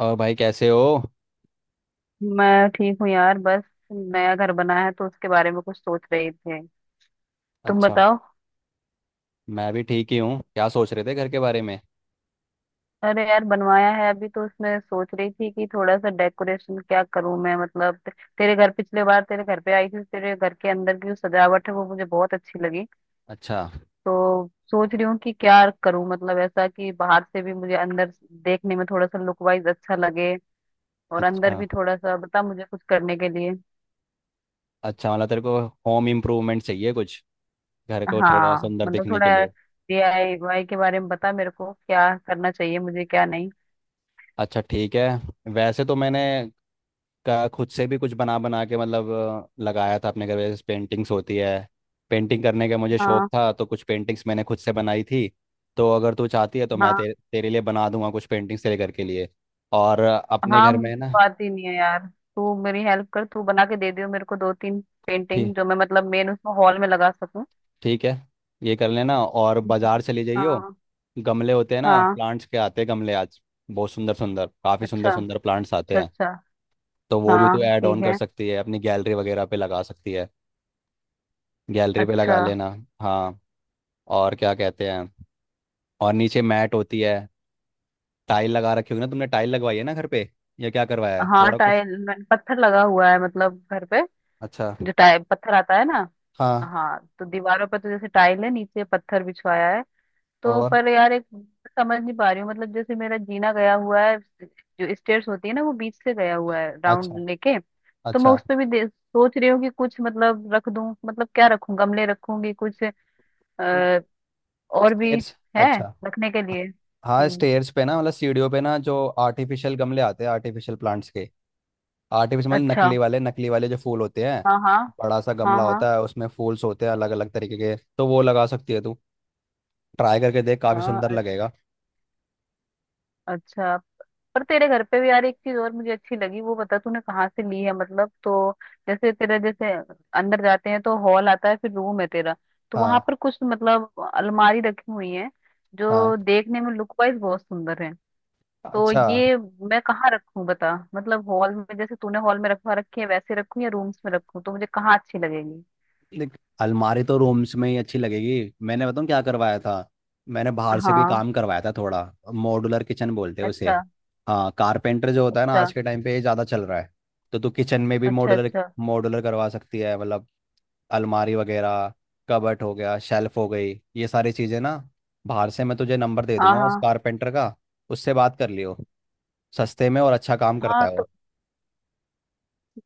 और भाई कैसे हो। मैं ठीक हूँ यार बस नया घर बना है तो उसके बारे में कुछ सोच रही थी। तुम अच्छा। बताओ। मैं भी ठीक ही हूँ। क्या सोच रहे थे घर के बारे में? अरे यार बनवाया है अभी तो उसमें सोच रही थी कि थोड़ा सा डेकोरेशन क्या करूं मैं मतलब तेरे घर पिछले बार तेरे घर पे आई थी तेरे घर के अंदर की जो सजावट है वो मुझे बहुत अच्छी लगी। अच्छा। तो सोच रही हूँ कि क्या करूं मतलब ऐसा कि बाहर से भी मुझे अंदर देखने में थोड़ा सा लुक वाइज अच्छा लगे और अच्छा। अंदर भी थोड़ा सा बता मुझे कुछ करने के लिए। अच्छा मतलब तेरे को होम इम्प्रूवमेंट चाहिए कुछ, घर को थोड़ा हाँ सुंदर मतलब दिखने थोड़ा के लिए। डीआईवाई के बारे में बता मेरे को क्या करना चाहिए मुझे क्या नहीं। अच्छा ठीक है। वैसे तो मैंने का खुद से भी कुछ बना बना के मतलब लगाया था अपने घर में, जैसे पेंटिंग्स होती है। पेंटिंग करने का मुझे शौक हाँ। था, तो कुछ पेंटिंग्स मैंने खुद से बनाई थी। तो अगर तू चाहती है तो मैं हाँ। तेरे तेरे लिए बना दूंगा कुछ पेंटिंग्स तेरे घर के लिए। और अपने हाँ घर में मुझे ना। तो आती नहीं है यार तू मेरी हेल्प कर तू बना के दे दियो मेरे को दो तीन ठीक पेंटिंग जो मैं मतलब मेन उसमें हॉल में लगा सकूं। ठीक है, ये कर लेना और बाजार हम्म। चले जाइयो। हाँ। गमले होते हैं ना, हाँ। प्लांट्स के आते हैं गमले आज। बहुत सुंदर सुंदर, काफ़ी सुंदर अच्छा सुंदर प्लांट्स आते अच्छा। हैं। अच्छा। तो वो भी तो हाँ ऐड ठीक ऑन कर है। सकती है, अपनी गैलरी वगैरह पे लगा सकती है। गैलरी पे अच्छा। लगा लेना। हाँ। और क्या कहते हैं, और नीचे मैट होती है। टाइल लगा रखी होगी ना, तुमने टाइल लगवाई है ना घर पे, या क्या करवाया है हाँ थोड़ा कुछ? टाइल मैंने पत्थर लगा हुआ है मतलब घर पे। अच्छा। जो टाइल पत्थर आता है ना। हाँ। हाँ तो दीवारों पे तो जैसे टाइल है नीचे पत्थर बिछवाया है। तो और पर यार एक समझ नहीं पा रही हूँ मतलब जैसे मेरा जीना गया हुआ है जो स्टेयर्स होती है ना वो बीच से गया हुआ है राउंड अच्छा, लेके। तो मैं अच्छा। उस पे भी सोच रही हूँ कि कुछ मतलब रख दूँ मतलब क्या रखूँ गमले रखूंगी कुछ आ, और भी स्टेयर्स। है अच्छा। रखने के लिए। हाँ हम्म। स्टेयर्स पे ना, मतलब सीढ़ियों पे ना, जो आर्टिफिशियल गमले आते हैं, आर्टिफिशियल प्लांट्स के। आर्टिफिशियल मतलब अच्छा। नकली वाले, नकली वाले जो फूल होते हैं। हाँ हाँ। बड़ा सा गमला हाँ। होता है, उसमें फूल्स होते हैं अलग अलग तरीके के, तो वो लगा सकती है तू। ट्राई करके देख, काफी हाँ सुंदर अ- लगेगा। अच्छा। पर तेरे घर पे भी यार एक चीज और मुझे अच्छी लगी वो बता तूने कहाँ से ली है मतलब तो जैसे तेरा जैसे अंदर जाते हैं तो हॉल आता है फिर रूम है तेरा तो वहां हाँ, पर कुछ मतलब अलमारी रखी हुई है जो हाँ। देखने में लुक वाइज बहुत सुंदर है। तो अच्छा, ये मैं कहाँ रखूं बता मतलब हॉल में जैसे तूने हॉल में रखवा रखी है वैसे रखूं या रूम्स में रखूं तो मुझे कहाँ अच्छी लगेगी। देख अलमारी तो रूम्स में ही अच्छी लगेगी। मैंने बताऊँ क्या करवाया था? मैंने बाहर से भी हाँ। काम करवाया था थोड़ा। मॉड्यूलर किचन बोलते हैं उसे। अच्छा हाँ, कारपेंटर जो होता है ना, अच्छा। आज के टाइम पे ये ज़्यादा चल रहा है। तो तू किचन में भी अच्छा। मॉड्यूलर अच्छा। मॉड्यूलर करवा सकती है, मतलब अलमारी वगैरह, कबट हो गया, शेल्फ हो गई, ये सारी चीज़ें ना बाहर से। मैं तुझे नंबर दे हाँ दूंगा उस हाँ। कारपेंटर का, उससे बात कर लियो। सस्ते में और अच्छा काम करता हाँ है तो वो।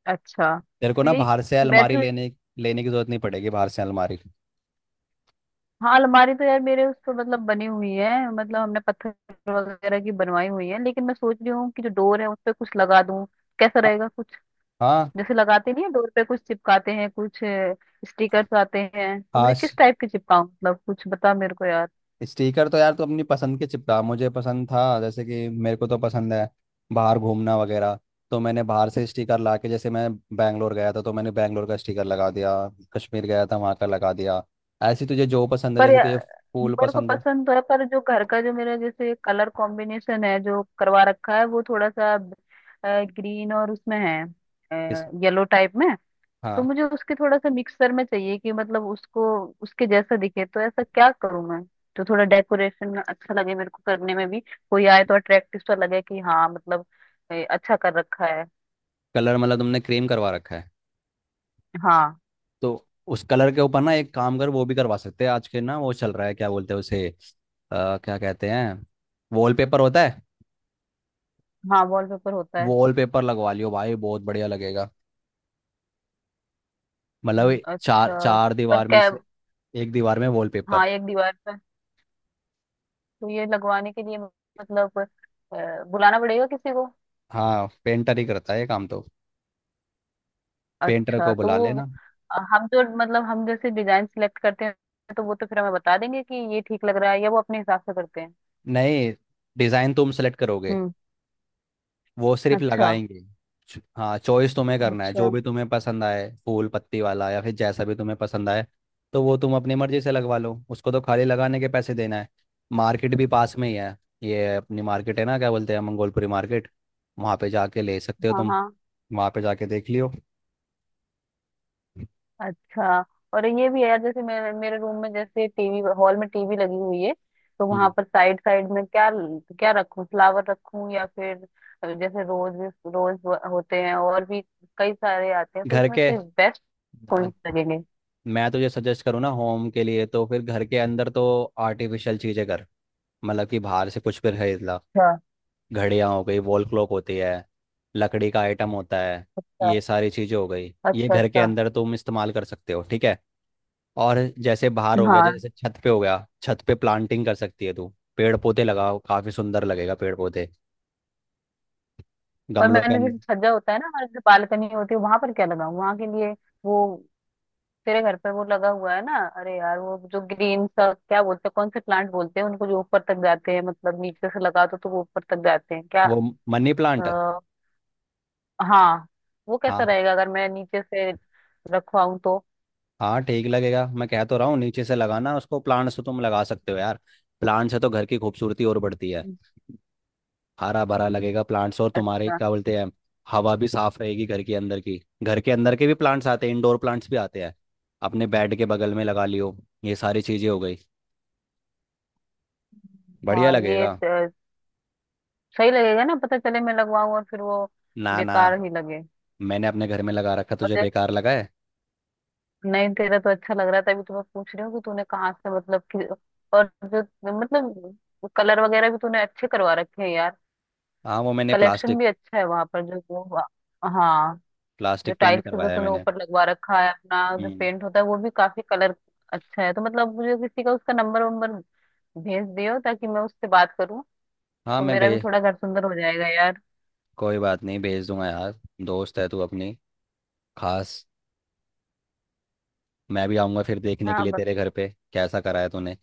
अच्छा तेरे को तो ना यही बाहर से अलमारी बैठे हुए। लेने लेने की जरूरत नहीं पड़ेगी, बाहर से अलमारी। हाँ अलमारी तो यार मेरे उस पर मतलब बनी हुई है मतलब हमने पत्थर वगैरह की बनवाई हुई है लेकिन मैं सोच रही हूँ कि जो डोर है उस पे कुछ लगा दूँ कैसा रहेगा कुछ हाँ। जैसे लगाते नहीं है डोर पे कुछ चिपकाते हैं कुछ स्टिकर्स आते हैं तो मुझे आज किस टाइप के चिपकाऊं मतलब कुछ बता मेरे को यार। स्टिकर तो यार तू अपनी पसंद के चिपका। मुझे पसंद था, जैसे कि मेरे को तो पसंद है बाहर घूमना वगैरह, तो मैंने बाहर से स्टिकर ला के, जैसे मैं बैंगलोर गया था तो मैंने बैंगलोर का स्टिकर लगा दिया, कश्मीर गया था वहाँ का लगा दिया। ऐसे तुझे जो पसंद है, पर जैसे या, तुझे फूल मेरे को पसंद हो। पसंद तो है पर जो घर का जो मेरा जैसे कलर कॉम्बिनेशन है जो करवा रखा है वो थोड़ा सा ग्रीन और उसमें है किस? येलो टाइप में। तो हाँ। मुझे उसके थोड़ा सा मिक्सर में चाहिए कि मतलब उसको उसके जैसा दिखे तो ऐसा क्या करूं मैं जो थोड़ा डेकोरेशन अच्छा लगे मेरे को करने में भी कोई आए तो अट्रैक्टिव सा लगे कि हाँ मतलब अच्छा कर रखा है। कलर मतलब तुमने क्रीम करवा रखा है। हाँ। तो उस कलर के ऊपर ना एक काम कर, वो भी करवा सकते हैं आज के, ना वो चल रहा है, क्या बोलते हैं उसे क्या कहते हैं, वॉलपेपर होता है। हाँ वॉलपेपर होता है। वॉलपेपर लगवा लियो भाई, बहुत बढ़िया लगेगा। मतलब ये चार अच्छा। चार पर दीवार में क्या। से एक दीवार में वॉलपेपर। हाँ एक दीवार पे। तो ये लगवाने के लिए मतलब बुलाना पड़ेगा किसी को। हाँ, पेंटर ही करता है ये काम तो। पेंटर अच्छा को तो बुला वो लेना। हम जो मतलब हम जैसे डिजाइन सिलेक्ट करते हैं तो वो तो फिर हमें बता देंगे कि ये ठीक लग रहा है या वो अपने हिसाब से करते नहीं, डिजाइन तुम सेलेक्ट करोगे, हैं। वो सिर्फ अच्छा। लगाएंगे। हाँ चॉइस तुम्हें करना है, जो अच्छा। भी तुम्हें पसंद आए, फूल पत्ती वाला या फिर जैसा भी तुम्हें पसंद आए। तो वो तुम अपनी मर्जी से लगवा लो, उसको तो खाली लगाने के पैसे देना है। मार्केट भी पास में ही है। ये अपनी मार्केट है ना, क्या बोलते हैं, मंगोलपुरी मार्केट। वहाँ पे जाके ले सकते हो हाँ तुम, हाँ। वहाँ पे जाके देख लियो। अच्छा। और ये भी है यार जैसे मेरे मेरे रूम में जैसे टीवी हॉल में टीवी लगी हुई है तो वहां हम्म। पर साइड साइड में क्या क्या रखूं फ्लावर रखूं या फिर जैसे रोज रोज होते हैं और भी कई सारे आते हैं तो घर उसमें के, से बेस्ट कौन से लगेंगे। मैं तुझे सजेस्ट करूँ ना होम के लिए, तो फिर घर के अंदर तो आर्टिफिशियल चीज़ें कर। मतलब कि बाहर से कुछ भी खरीद ला। अच्छा घड़ियाँ हो गई, वॉल क्लॉक होती है, लकड़ी का आइटम होता है, अच्छा। ये सारी चीज़ें हो गई, ये अच्छा घर के अच्छा। अंदर तुम इस्तेमाल कर सकते हो ठीक है। और जैसे बाहर हो गया, हाँ। जैसे छत पे हो गया, छत पे प्लांटिंग कर सकती है तू। पेड़ पौधे लगाओ, काफ़ी सुंदर लगेगा, पेड़ पौधे और गमलों के मैंने जैसे अंदर। छज्जा होता है ना हमारे जो बालकनी होती है वहां पर क्या लगाऊं वहां के लिए वो तेरे घर पे वो लगा हुआ है ना अरे यार वो जो ग्रीन सा क्या बोलते हैं कौन से प्लांट बोलते हैं उनको जो ऊपर तक जाते हैं मतलब नीचे से लगा दो तो वो ऊपर तक जाते हैं क्या वो मनी प्लांट। आ, हाँ वो कैसा हाँ रहेगा अगर मैं नीचे से रखवाऊं तो। हाँ ठीक लगेगा, मैं कह तो रहा हूँ नीचे से लगाना उसको। प्लांट से तुम लगा सकते हो यार, प्लांट से तो घर की खूबसूरती और बढ़ती है। हरा भरा लगेगा प्लांट्स, और तुम्हारे अच्छा। क्या बोलते हैं, हवा भी साफ रहेगी घर के अंदर की। घर के अंदर के भी प्लांट्स आते हैं, इंडोर प्लांट्स भी आते हैं, अपने बेड के बगल में लगा लियो। ये सारी चीजें हो गई, बढ़िया हाँ ये लगेगा। त- सही लगेगा ना पता चले मैं लगवाऊं और फिर वो ना ना, बेकार ही लगे मैंने अपने घर में लगा रखा, और तुझे जैसे बेकार लगा है? नहीं तेरा तो अच्छा लग रहा था अभी तो मैं पूछ रही हूँ कि तूने कहाँ से मतलब कि और जो मतलब कलर वगैरह भी तूने अच्छे करवा रखे हैं यार हाँ वो मैंने कलेक्शन प्लास्टिक, भी अच्छा है वहां पर जो वो। हाँ जो प्लास्टिक पेंट टाइल्स का जो करवाया है तूने मैंने। ऊपर लगवा रखा है अपना जो हम्म। पेंट होता है वो भी काफी कलर अच्छा है तो मतलब मुझे किसी का उसका नंबर वंबर भेज दियो ताकि मैं उससे बात करूँ हाँ तो मैं मेरा भी भेज, थोड़ा घर सुंदर हो जाएगा यार। कोई बात नहीं भेज दूंगा यार। दोस्त है तू अपनी खास। मैं भी आऊंगा फिर देखने के हाँ लिए बत तेरे घर पे, कैसा कराया तूने।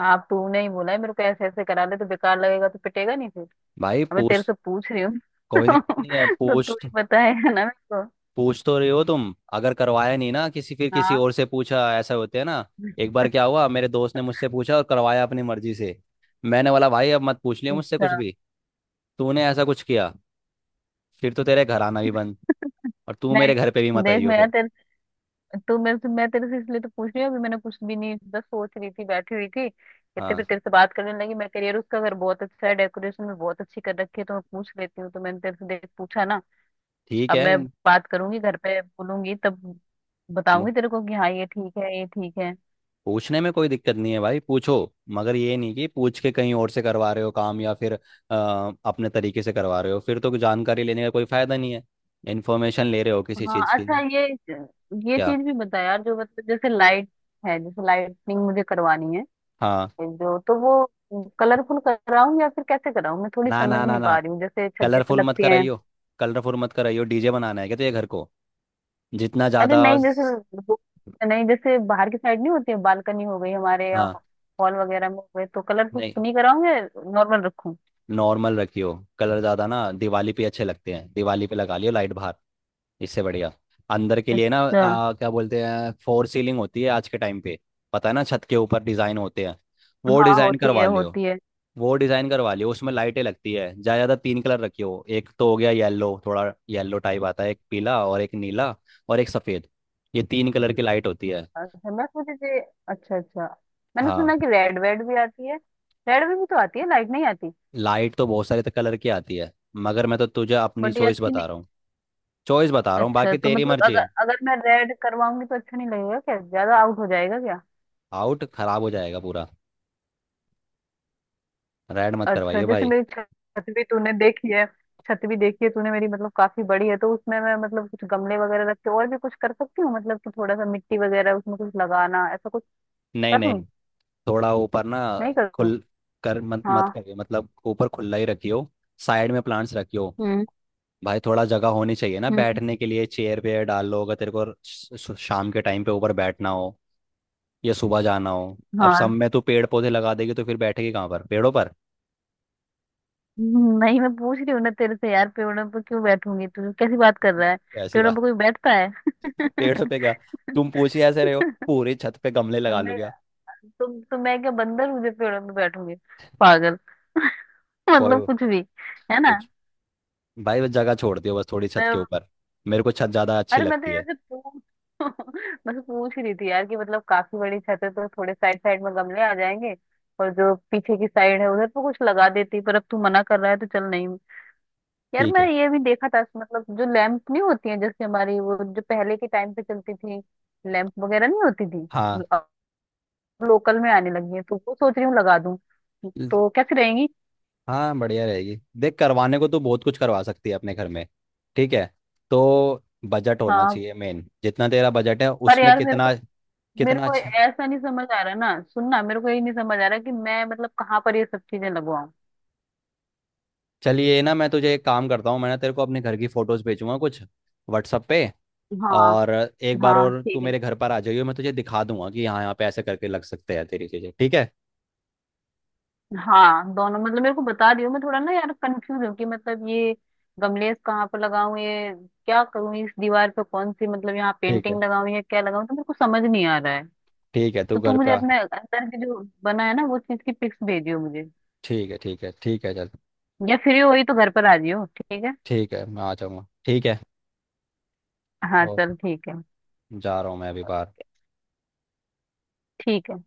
आप तूने ही बोला है मेरे को ऐसे ऐसे करा ले तो बेकार लगेगा तो पिटेगा नहीं फिर। भाई अब मैं तेरे पूछ, से पूछ रही हूँ कोई तो दिक्कत नहीं है। तो तू ही बताएगा ना मेरे को। पूछ तो रहे हो तुम, अगर करवाया नहीं ना किसी, फिर किसी हाँ। और से पूछा, ऐसा होते है ना। एक बार क्या हुआ, मेरे दोस्त ने मुझसे पूछा और करवाया अपनी मर्जी से। मैंने बोला भाई अब मत पूछ लियो मुझसे अच्छा। कुछ भी। तूने ऐसा कुछ किया, फिर तो तेरे घर आना भी बंद, और तू मेरे नहीं घर पे भी मत देख आइयो मैं यार फिर। तो मैं तेरे से इसलिए तो पूछ रही हूँ अभी मैंने कुछ भी नहीं बस सोच रही थी बैठी हुई थी इतने हाँ फिर तेरे से बात करने लगी मैं करियर उसका अगर बहुत अच्छा है डेकोरेशन में बहुत अच्छी कर रखी है तो मैं पूछ लेती हूँ तो मैंने तेरे से देख पूछा ना। ठीक अब है, मैं बात करूंगी घर पे बोलूंगी तब बताऊंगी तेरे को कि हाँ ये ठीक है ये ठीक है। पूछने में कोई दिक्कत नहीं है भाई, पूछो। मगर ये नहीं कि पूछ के कहीं और से करवा रहे हो काम, या फिर अपने तरीके से करवा रहे हो, फिर तो जानकारी लेने का कोई फायदा नहीं है। इन्फॉर्मेशन ले रहे हो किसी हाँ चीज़ की। अच्छा ये क्या? चीज भी बता यार जो मतलब जैसे लाइट है जैसे लाइटिंग मुझे करवानी है हाँ। जो तो वो कलरफुल कराऊं या फिर कैसे कराऊं मैं थोड़ी ना समझ ना ना नहीं ना पा रही हूँ जैसे छज्जे पे कलरफुल मत लगती है। कराइयो। कलरफुल मत कराइयो, डीजे बनाना है क्या तो ये घर को, जितना अरे ज़्यादा नहीं जैसे वो- नहीं जैसे बाहर की साइड नहीं होती है बालकनी हो गई हमारे या हाँ। हॉल वगैरह में हो गए तो कलरफुल नहीं, नहीं कराऊंगे नॉर्मल रखूं। नॉर्मल रखियो। कलर ज़्यादा ना दिवाली पे अच्छे लगते हैं, दिवाली पे लगा लियो लाइट बाहर। इससे बढ़िया अंदर के लिए ना अच्छा। क्या बोलते हैं, फोर सीलिंग होती है आज के टाइम पे, पता है ना, छत के ऊपर डिजाइन होते हैं। वो हाँ डिजाइन होती करवा है लियो, होती है। वो डिजाइन करवा लियो, उसमें लाइटें लगती है। ज्यादा ज्यादा तीन कलर रखियो। एक तो हो गया येलो, थोड़ा येलो टाइप आता है, एक पीला और एक नीला, और एक सफेद। ये तीन कलर की लाइट होती है। अच्छा मैं सोची थी। अच्छा अच्छा। मैंने हाँ, सुना कि रेड वेड भी आती है रेड में भी तो आती है लाइट नहीं आती। लाइट तो बहुत सारे तो कलर की आती है, मगर मैं तो तुझे अपनी बट ये चॉइस अच्छी बता नहीं। रहा हूँ। चॉइस बता रहा हूँ, अच्छा बाकी तो तेरी मतलब मर्जी अगर है। अगर मैं रेड करवाऊंगी तो अच्छा नहीं लगेगा क्या ज्यादा आउट हो जाएगा क्या। आउट खराब हो जाएगा पूरा, रेड मत अच्छा करवाइए जैसे भाई। मेरी छत भी तूने देखी है छत भी देखी है तूने मेरी मतलब काफी बड़ी है तो उसमें मैं मतलब कुछ गमले वगैरह रख के और भी कुछ कर सकती हूँ मतलब कि थोड़ा सा मिट्टी वगैरह उसमें कुछ लगाना ऐसा कुछ नहीं कर लूँ। नहीं थोड़ा ऊपर ना नहीं कर लूँ। खुल कर मत मत हाँ। करिए, मतलब ऊपर खुला ही रखियो। साइड में प्लांट्स रखियो। हम्म। भाई थोड़ा जगह होनी चाहिए ना हम्म। बैठने के लिए, चेयर पे डाल लो, अगर तेरे को शाम के टाइम पे ऊपर बैठना हो या सुबह जाना हो। अब सब हाँ। में तू पेड़ पौधे लगा देगी तो फिर बैठेगी कहाँ पर, पेड़ों पर? नहीं मैं पूछ रही हूँ ना तेरे से यार पेड़ों पर क्यों बैठूंगी तू कैसी बात कर रहा है ऐसी पेड़ों पर बात, कोई बैठता है। पेड़ों पे क्या, तुम पूछिए ऐसे रहे हो, पूरी छत पे गमले लगा लो मैं क्या? तुम तो मैं क्या बंदर हूँ जो पेड़ों पे बैठूंगी पागल कोई मतलब कुछ भी है ना। कुछ, भाई बस जगह छोड़ दियो बस थोड़ी छत के ऊपर। मेरे को छत ज्यादा अच्छी अरे मैं तो लगती है। जैसे पूछ बस पूछ ही रही थी यार कि मतलब काफी बड़ी छत है तो थोड़े साइड साइड में गमले आ जाएंगे और जो पीछे की साइड है उधर तो कुछ लगा देती पर अब तू मना कर रहा है तो चल नहीं। यार ठीक मैं है। ये भी देखा था मतलब जो लैंप नहीं होती है जैसे हमारी वो जो पहले के टाइम पे चलती थी लैंप वगैरह नहीं होती थी हाँ अब लोकल में आने लगी है तो वो सोच रही हूँ लगा दूं तो कैसी रहेंगी। हाँ बढ़िया रहेगी, देख करवाने को तो बहुत कुछ करवा सकती है अपने घर में। ठीक है, तो बजट होना हाँ चाहिए मेन, जितना तेरा बजट है पर उसमें यार मेरे कितना, को मेरे कितना को अच्छा। ऐसा नहीं समझ आ रहा ना सुनना मेरे को ये नहीं समझ आ रहा कि मैं मतलब कहाँ पर ये सब चीजें लगवाऊं। चलिए ना, मैं तुझे एक काम करता हूँ, मैं ना तेरे को अपने घर की फोटोज भेजूंगा कुछ व्हाट्सअप पे। हाँ। और एक बार हाँ और तू ठीक है। मेरे घर पर आ जाइयो, मैं तुझे दिखा दूंगा कि यहाँ यहाँ पे ऐसे करके लग सकते हैं तेरी चीज़ें, ठीक है। हाँ दोनों मतलब मेरे को बता दियो मैं थोड़ा ना यार कंफ्यूज हूँ कि मतलब ये गमलेस कहाँ पर लगाऊं ये क्या करूँ इस दीवार पे कौन सी मतलब यहाँ ठीक है, पेंटिंग लगाऊं या क्या लगाऊं तो मेरे को समझ नहीं आ रहा है। ठीक है, तू तो तू घर पे मुझे आ। अपने अंदर की जो बना है ना वो चीज की पिक्स भेजियो मुझे ठीक है, ठीक है, ठीक है चल। या फ्री हो ही तो घर पर आ जियो ठीक है। ठीक है, मैं आ जाऊँगा, ठीक है। हाँ ओ, चल ठीक है। जा रहा हूँ मैं अभी बाहर। ठीक है।